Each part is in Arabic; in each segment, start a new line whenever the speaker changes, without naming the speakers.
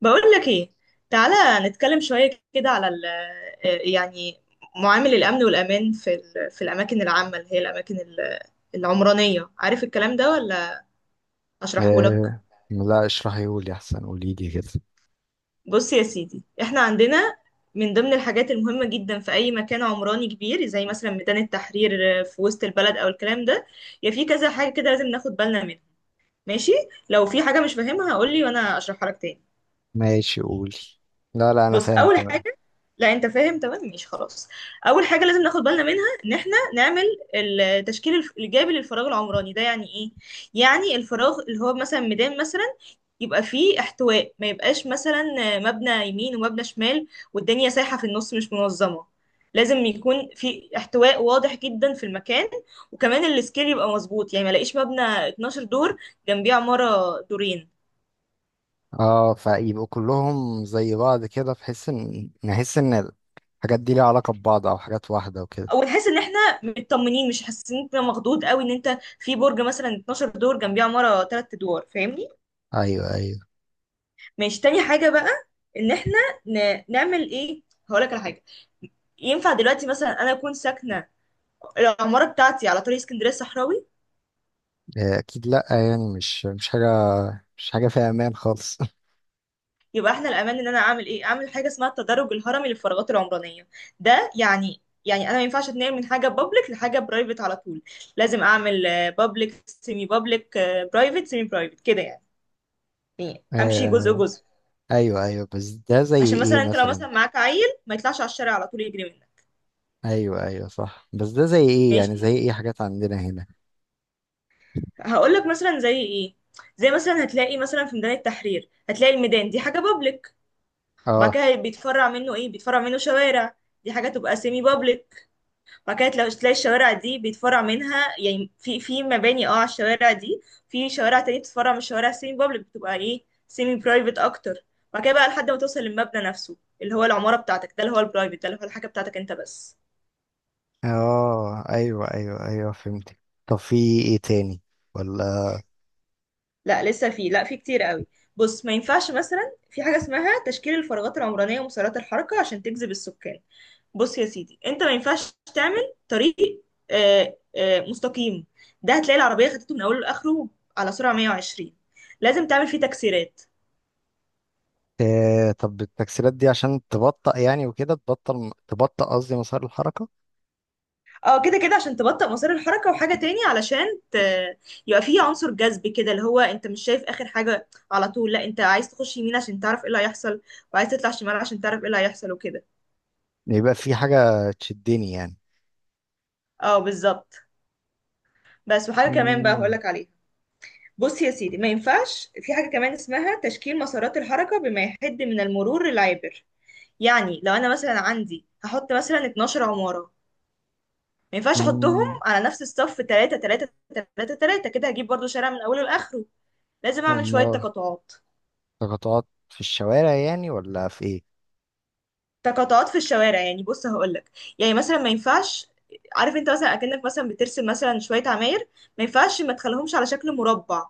بقول لك ايه. تعالى نتكلم شوية كده على ال آه، يعني معامل الأمن والأمان في الأماكن العامة اللي هي العمرانية. عارف الكلام ده ولا أشرحه لك؟
آه. لا، اشرحي قولي احسن، قولي لي كده.
بص يا سيدي، احنا عندنا من ضمن الحاجات المهمة جدا في أي مكان عمراني كبير، زي مثلا ميدان التحرير في وسط البلد أو الكلام ده، يا في كذا حاجة كده لازم ناخد بالنا منها. ماشي، لو في حاجة مش فاهمها قولي وأنا أشرحها لك تاني.
ماشي، قولي. لا لا، انا
بص،
فاهم
اول
تمام.
حاجه، لا انت فاهم تمام، ماشي خلاص. اول حاجه لازم ناخد بالنا منها ان احنا نعمل التشكيل الايجابي للفراغ العمراني ده. يعني ايه؟ يعني الفراغ اللي هو مثلا ميدان مثلا، يبقى فيه احتواء، ما يبقاش مثلا مبنى يمين ومبنى شمال والدنيا سايحه في النص، مش منظمه. لازم يكون في احتواء واضح جدا في المكان، وكمان السكيل يبقى مظبوط، يعني ما الاقيش مبنى 12 دور جنبيه عماره دورين.
اه، فيبقوا كلهم زي بعض كده بحيث ان نحس ان الحاجات دي ليها علاقة ببعض او حاجات واحدة وكده.
ونحس ان احنا مطمنين، مش حاسين ان إنت مخضوض قوي ان انت في برج مثلا 12 دور جنبيه عماره 3 ادوار. فاهمني؟
ايوه ايوه.
ماشي، تاني حاجه بقى، ان احنا نعمل ايه؟ هقول لك على حاجه. ينفع دلوقتي مثلا انا اكون ساكنه العماره بتاعتي على طريق اسكندريه الصحراوي؟
آه اكيد، لا يعني مش حاجة فيها امان خالص
يبقى احنا الامان ان انا اعمل ايه؟ اعمل حاجه اسمها التدرج الهرمي للفراغات العمرانيه. ده يعني انا ما ينفعش اتنقل من حاجه بابليك لحاجه برايفت على طول. لازم اعمل بابليك، سيمي بابليك، برايفت، سيمي برايفت، كده يعني. يعني امشي جزء
آه
جزء،
ايوه ايوه، بس ده زي
عشان
ايه
مثلا انت لو
مثلا؟
مثلا معاك عيل ما يطلعش على الشارع على طول يجري منك.
ايوه ايوه صح، بس ده زي
ماشي،
ايه؟ حاجات عندنا هنا.
هقول لك مثلا زي ايه. زي مثلا هتلاقي مثلا في ميدان التحرير، هتلاقي الميدان دي حاجه بابليك، وبعد
اه.
كده بيتفرع منه ايه؟ بيتفرع منه شوارع. دي حاجه تبقى سيمي بابليك. وبعد كده تلاقي الشوارع دي بيتفرع منها يعني في مباني اه على الشوارع دي، في شوارع تانية بتتفرع من الشوارع سيمي بابليك، بتبقى ايه؟ سيمي برايفت اكتر. وبعد كده بقى لحد ما توصل للمبنى نفسه، اللي هو العماره بتاعتك، ده اللي هو البرايفت، ده اللي هو الحاجه بتاعتك انت بس.
اه ايوه ايوه ايوه، فهمتك. طب في ايه تاني؟ ولا؟
لا لسه في، لا في كتير قوي. بص، ما ينفعش مثلا، في حاجة اسمها تشكيل الفراغات العمرانية ومسارات الحركة عشان تجذب السكان. بص يا سيدي، انت ما ينفعش تعمل طريق مستقيم. ده هتلاقي العربية خدته من اوله لاخره على سرعة 120. لازم تعمل فيه تكسيرات.
آه، طب التكسيرات دي عشان تبطأ يعني وكده، تبطأ قصدي مسار الحركة.
اه، كده كده عشان تبطئ مسار الحركة، وحاجة تاني علشان ت... يبقى فيه عنصر جذب كده، اللي هو انت مش شايف اخر حاجة على طول، لا انت عايز تخش يمين عشان تعرف ايه اللي هيحصل، وعايز تطلع شمال عشان تعرف ايه اللي هيحصل، وكده.
يبقى في حاجة تشدني يعني.
اه بالظبط. بس وحاجة كمان بقى
امم
هقولك عليها. بص يا سيدي، ما ينفعش، في حاجة كمان اسمها تشكيل مسارات الحركة بما يحد من المرور العابر. يعني لو أنا مثلا عندي هحط مثلا 12 عمارة، ما ينفعش أحطهم
امم
على نفس الصف 3 3 3 3، كده هجيب برضو شارع من أوله لآخره. لازم أعمل شوية
أمال،
تقاطعات.
تقاطعات في الشوارع يعني ولا في ايه؟
تقاطعات في الشوارع، يعني بص هقولك، يعني مثلا ما ينفعش، عارف انت مثلا اكنك مثلا بترسم مثلا شويه عماير، ما ينفعش ما تخليهمش على شكل مربع.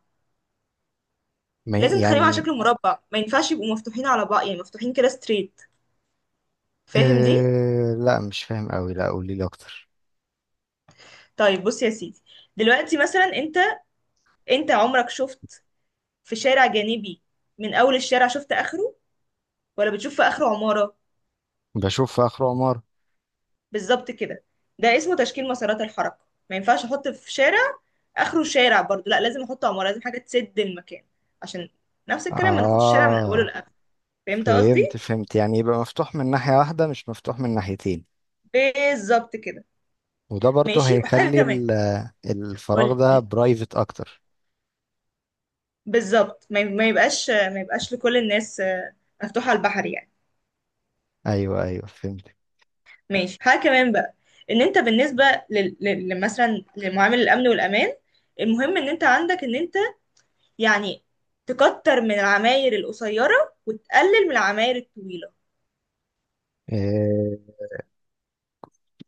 ما ي-
لازم تخليهم على
يعني.
شكل مربع، ما ينفعش يبقوا مفتوحين على بعض يعني مفتوحين كده ستريت. فاهم دي؟
آه لا، مش فاهم قوي، لا قولي لي اكتر.
طيب بص يا سيدي، دلوقتي مثلا انت، انت عمرك شفت في شارع جانبي من اول الشارع شفت اخره، ولا بتشوف في اخره عمارة؟
بشوف في اخر عمارة.
بالظبط كده. ده اسمه تشكيل مسارات الحركة. ما ينفعش احط في شارع اخره شارع برضو، لا لازم احط عمارة، لازم حاجة تسد المكان، عشان نفس الكلام ما ناخدش الشارع من اوله
اه
لاخره. فهمت
فهمت
قصدي؟
فهمت، يعني يبقى مفتوح من ناحية واحدة، مش مفتوح من ناحيتين.
بالظبط كده.
وده برضه
ماشي، وحاجة
هيخلي
كمان.
الفراغ
قولي،
ده برايفت اكتر.
بالظبط ما يبقاش، ما يبقاش لكل الناس، مفتوح على البحر يعني.
ايوه ايوه فهمت.
ماشي، حاجة كمان بقى، ان انت بالنسبة مثلا لمعامل الامن والامان، المهم ان انت عندك ان انت يعني تكتر من العماير القصيرة وتقلل من العماير الطويلة.
آه،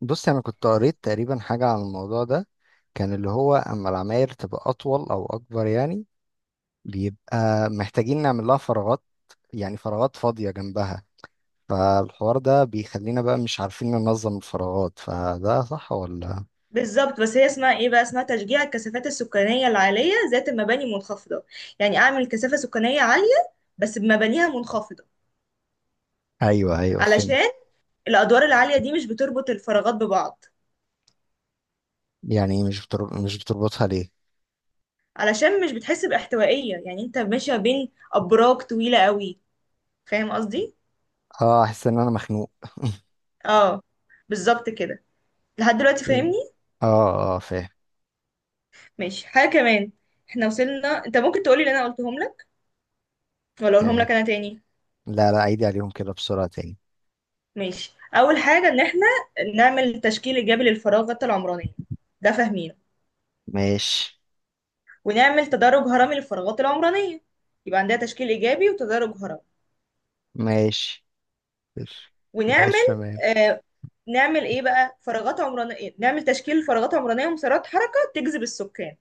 بص، انا كنت قريت تقريبا حاجه عن الموضوع ده. كان اللي هو اما العماير تبقى اطول او اكبر، يعني بيبقى محتاجين نعمل لها فراغات، يعني فراغات فاضيه جنبها، فالحوار ده بيخلينا بقى مش عارفين ننظم الفراغات. فده صح ولا؟
بالظبط. بس هي اسمها ايه بقى؟ اسمها تشجيع الكثافات السكانية العالية ذات المباني المنخفضة. يعني اعمل كثافة سكانية عالية بس بمبانيها منخفضة،
ايوه ايوه فهمت.
علشان الادوار العالية دي مش بتربط الفراغات ببعض،
يعني مش بتربطها ليه؟
علشان مش بتحس باحتوائية، يعني انت ماشية بين ابراج طويلة قوي. فاهم قصدي؟
اه، احس ان انا مخنوق.
اه بالظبط كده. لحد دلوقتي
فهمت.
فاهمني؟
اه اه فاهم.
ماشي، حاجة كمان. احنا وصلنا، انت ممكن تقولي اللي انا قلتهم لك، ولا اقولهم
آه.
لك انا تاني؟
لا لا، عيدي عليهم كده بسرعة تاني.
ماشي، اول حاجة ان احنا نعمل تشكيل ايجابي للفراغات العمرانية، ده فاهمينه.
ماشي.
ونعمل تدرج هرمي للفراغات العمرانية، يبقى عندها تشكيل ايجابي وتدرج هرمي.
ماشي. ماشي
ونعمل،
تمام.
آه، نعمل ايه بقى؟ فراغات عمرانية، نعمل تشكيل فراغات عمرانية ومسارات حركة تجذب السكان،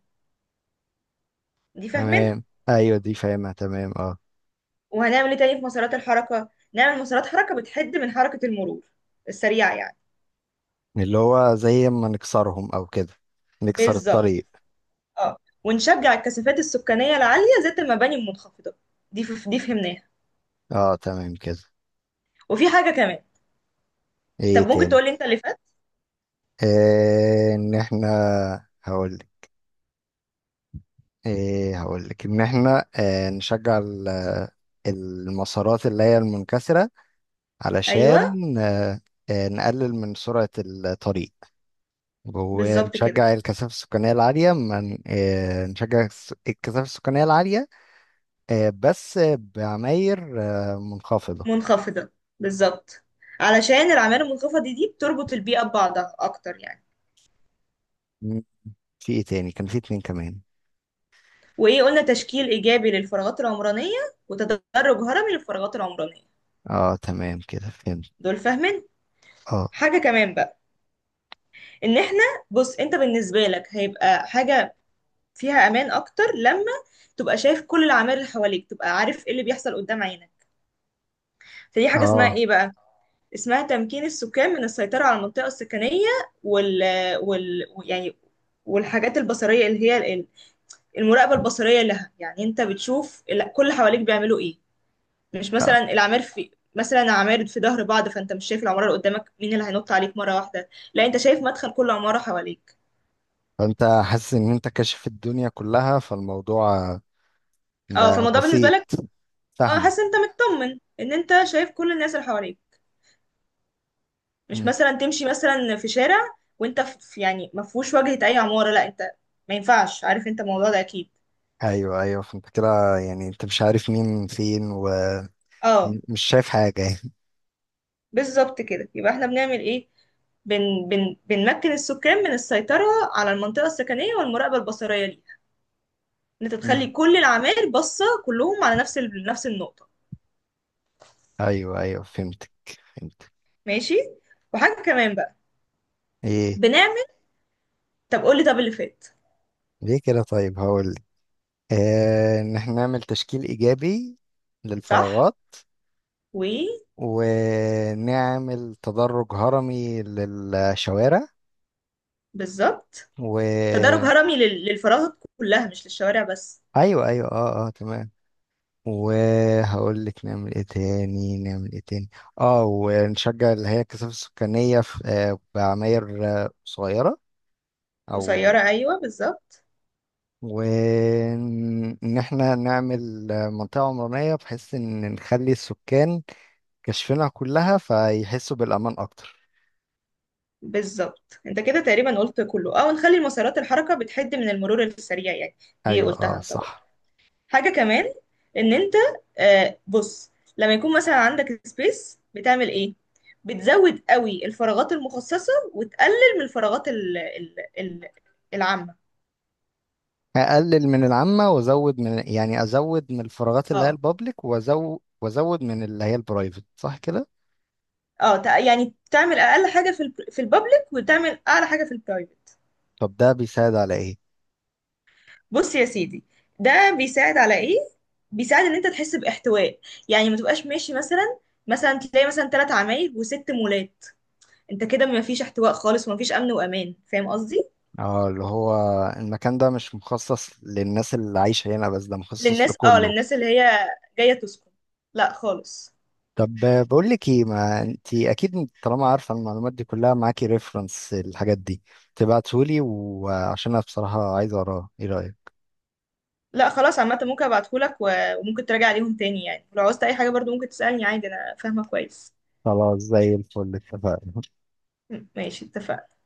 دي فاهمينها.
تمام، ايوه دي فاهمها تمام، اه.
وهنعمل ايه تاني في مسارات الحركة؟ نعمل مسارات حركة بتحد من حركة المرور السريعة يعني.
اللي هو زي ما نكسرهم او كده، نكسر
بالظبط.
الطريق.
اه، ونشجع الكثافات السكانية العالية ذات المباني المنخفضة، دي فهمناها.
اه تمام كده.
وفي حاجة كمان. طب
ايه
ممكن
تاني؟
تقولي انت اللي فات.
ان احنا، هقولك هقولك ان احنا نشجع المسارات اللي هي المنكسرة،
ايوه
علشان نقلل من سرعة الطريق،
بالظبط كده.
ونشجع الكثافة السكانية العالية من آه، نشجع الكثافة السكانية العالية، بس بعماير منخفضة.
منخفضة، بالظبط، علشان الأعمال المنخفضة دي بتربط البيئة ببعضها أكتر يعني.
م، في ايه تاني؟ كان في اتنين كمان.
وإيه قلنا؟ تشكيل إيجابي للفراغات العمرانية، وتدرج هرمي للفراغات العمرانية.
اه تمام كده، فهمت.
دول فاهمين.
اه
حاجة كمان بقى، ان احنا، بص انت بالنسبه لك هيبقى حاجه فيها امان اكتر لما تبقى شايف كل العوامل اللي حواليك، تبقى عارف ايه اللي بيحصل قدام عينك. فدي حاجه اسمها
اه.
ايه بقى؟ اسمها تمكين السكان من السيطره على المنطقه السكنيه، وال وال يعني والحاجات البصريه اللي هي المراقبه البصريه لها. يعني انت بتشوف كل حواليك بيعملوا ايه، مش
آه.
مثلا العمار في مثلا عمار في ظهر بعض فانت مش شايف العماره اللي قدامك مين اللي هينط عليك مره واحده. لا انت شايف مدخل كل عماره حواليك.
فانت حاسس ان انت كاشف الدنيا كلها، فالموضوع
اه،
بقى
فالموضوع بالنسبه
بسيط،
لك، اه،
فاهمه.
حاسس انت مطمن ان انت شايف كل الناس اللي حواليك. مش
م.
مثلا تمشي مثلا في شارع وانت يعني ما فيهوش واجهة اي عمارة، لا انت، ما ينفعش. عارف انت الموضوع ده اكيد.
ايوه ايوه، فانت كده يعني انت مش عارف مين فين
اه
ومش شايف حاجة يعني.
بالظبط كده. يبقى احنا بنعمل ايه؟ بن بن بنمكن السكان من السيطرة على المنطقة السكنية والمراقبة البصرية ليها، ان انت
م.
تخلي كل العماير باصة كلهم على نفس نفس النقطة.
ايوه ايوه فهمتك، فهمت.
ماشي، وحاجة كمان بقى
ايه؟
بنعمل. طب قولي طب اللي فات.
ليه كده؟ طيب هقول لك. ان احنا نعمل تشكيل ايجابي
صح.
للفراغات، ونعمل تدرج هرمي للشوارع،
وبالظبط. تدرج
و...
هرمي للفراغات كلها مش للشوارع بس.
ايوه ايوه اه اه تمام. وهقول لك نعمل ايه تاني، نعمل ايه تاني. اه، ونشجع اللي هي الكثافة السكانية في آه بعماير صغيرة، او...
قصيرة، أيوة بالظبط.
وان احنا نعمل منطقة عمرانية بحيث ان نخلي السكان كشفنا كلها، فيحسوا بالأمان أكتر.
بالظبط، انت كده تقريبا قلت كله، او نخلي مسارات الحركة بتحد من المرور السريع يعني. دي
أيوة أه
قلتها انت برضه.
صح.
حاجة كمان، ان انت، آه بص، لما يكون مثلا عندك سبيس، بتعمل ايه؟ بتزود قوي الفراغات المخصصة وتقلل من الفراغات ال ال ال العامة.
أقلل من العامة وأزود من، يعني أزود من الفراغات اللي هي
اه
البابليك، وأزود من اللي هي البرايفت، صح كده؟
اه، يعني تعمل اقل حاجة في البابليك وتعمل اعلى حاجة في البرايفت.
طب ده بيساعد على إيه؟
بص يا سيدي، ده بيساعد على ايه؟ بيساعد ان انت تحس باحتواء، يعني ما تبقاش ماشي مثلا، مثلا تلاقي مثلا ثلاث عمايل وست مولات، انت كده ما فيش احتواء خالص وما فيش امن وامان. فاهم قصدي؟
أه، اللي هو المكان ده مش مخصص للناس اللي عايشة هنا بس، ده مخصص
للناس، اه،
لكله.
للناس اللي هي جايه تسكن، لا خالص.
طب، بقول لك ايه، ما انت اكيد طالما عارفه المعلومات دي كلها معاكي، ريفرنس الحاجات دي تبعتهولي، وعشان انا بصراحه عايز اقراها، ايه رايك؟
لا خلاص، عامه ممكن ابعتهولك و- وممكن تراجع عليهم تاني يعني، لو عاوزت اي حاجه برضو ممكن تسالني عادي، انا فاهمه كويس.
خلاص، زي الفل، اتفقنا.
ماشي، اتفقنا.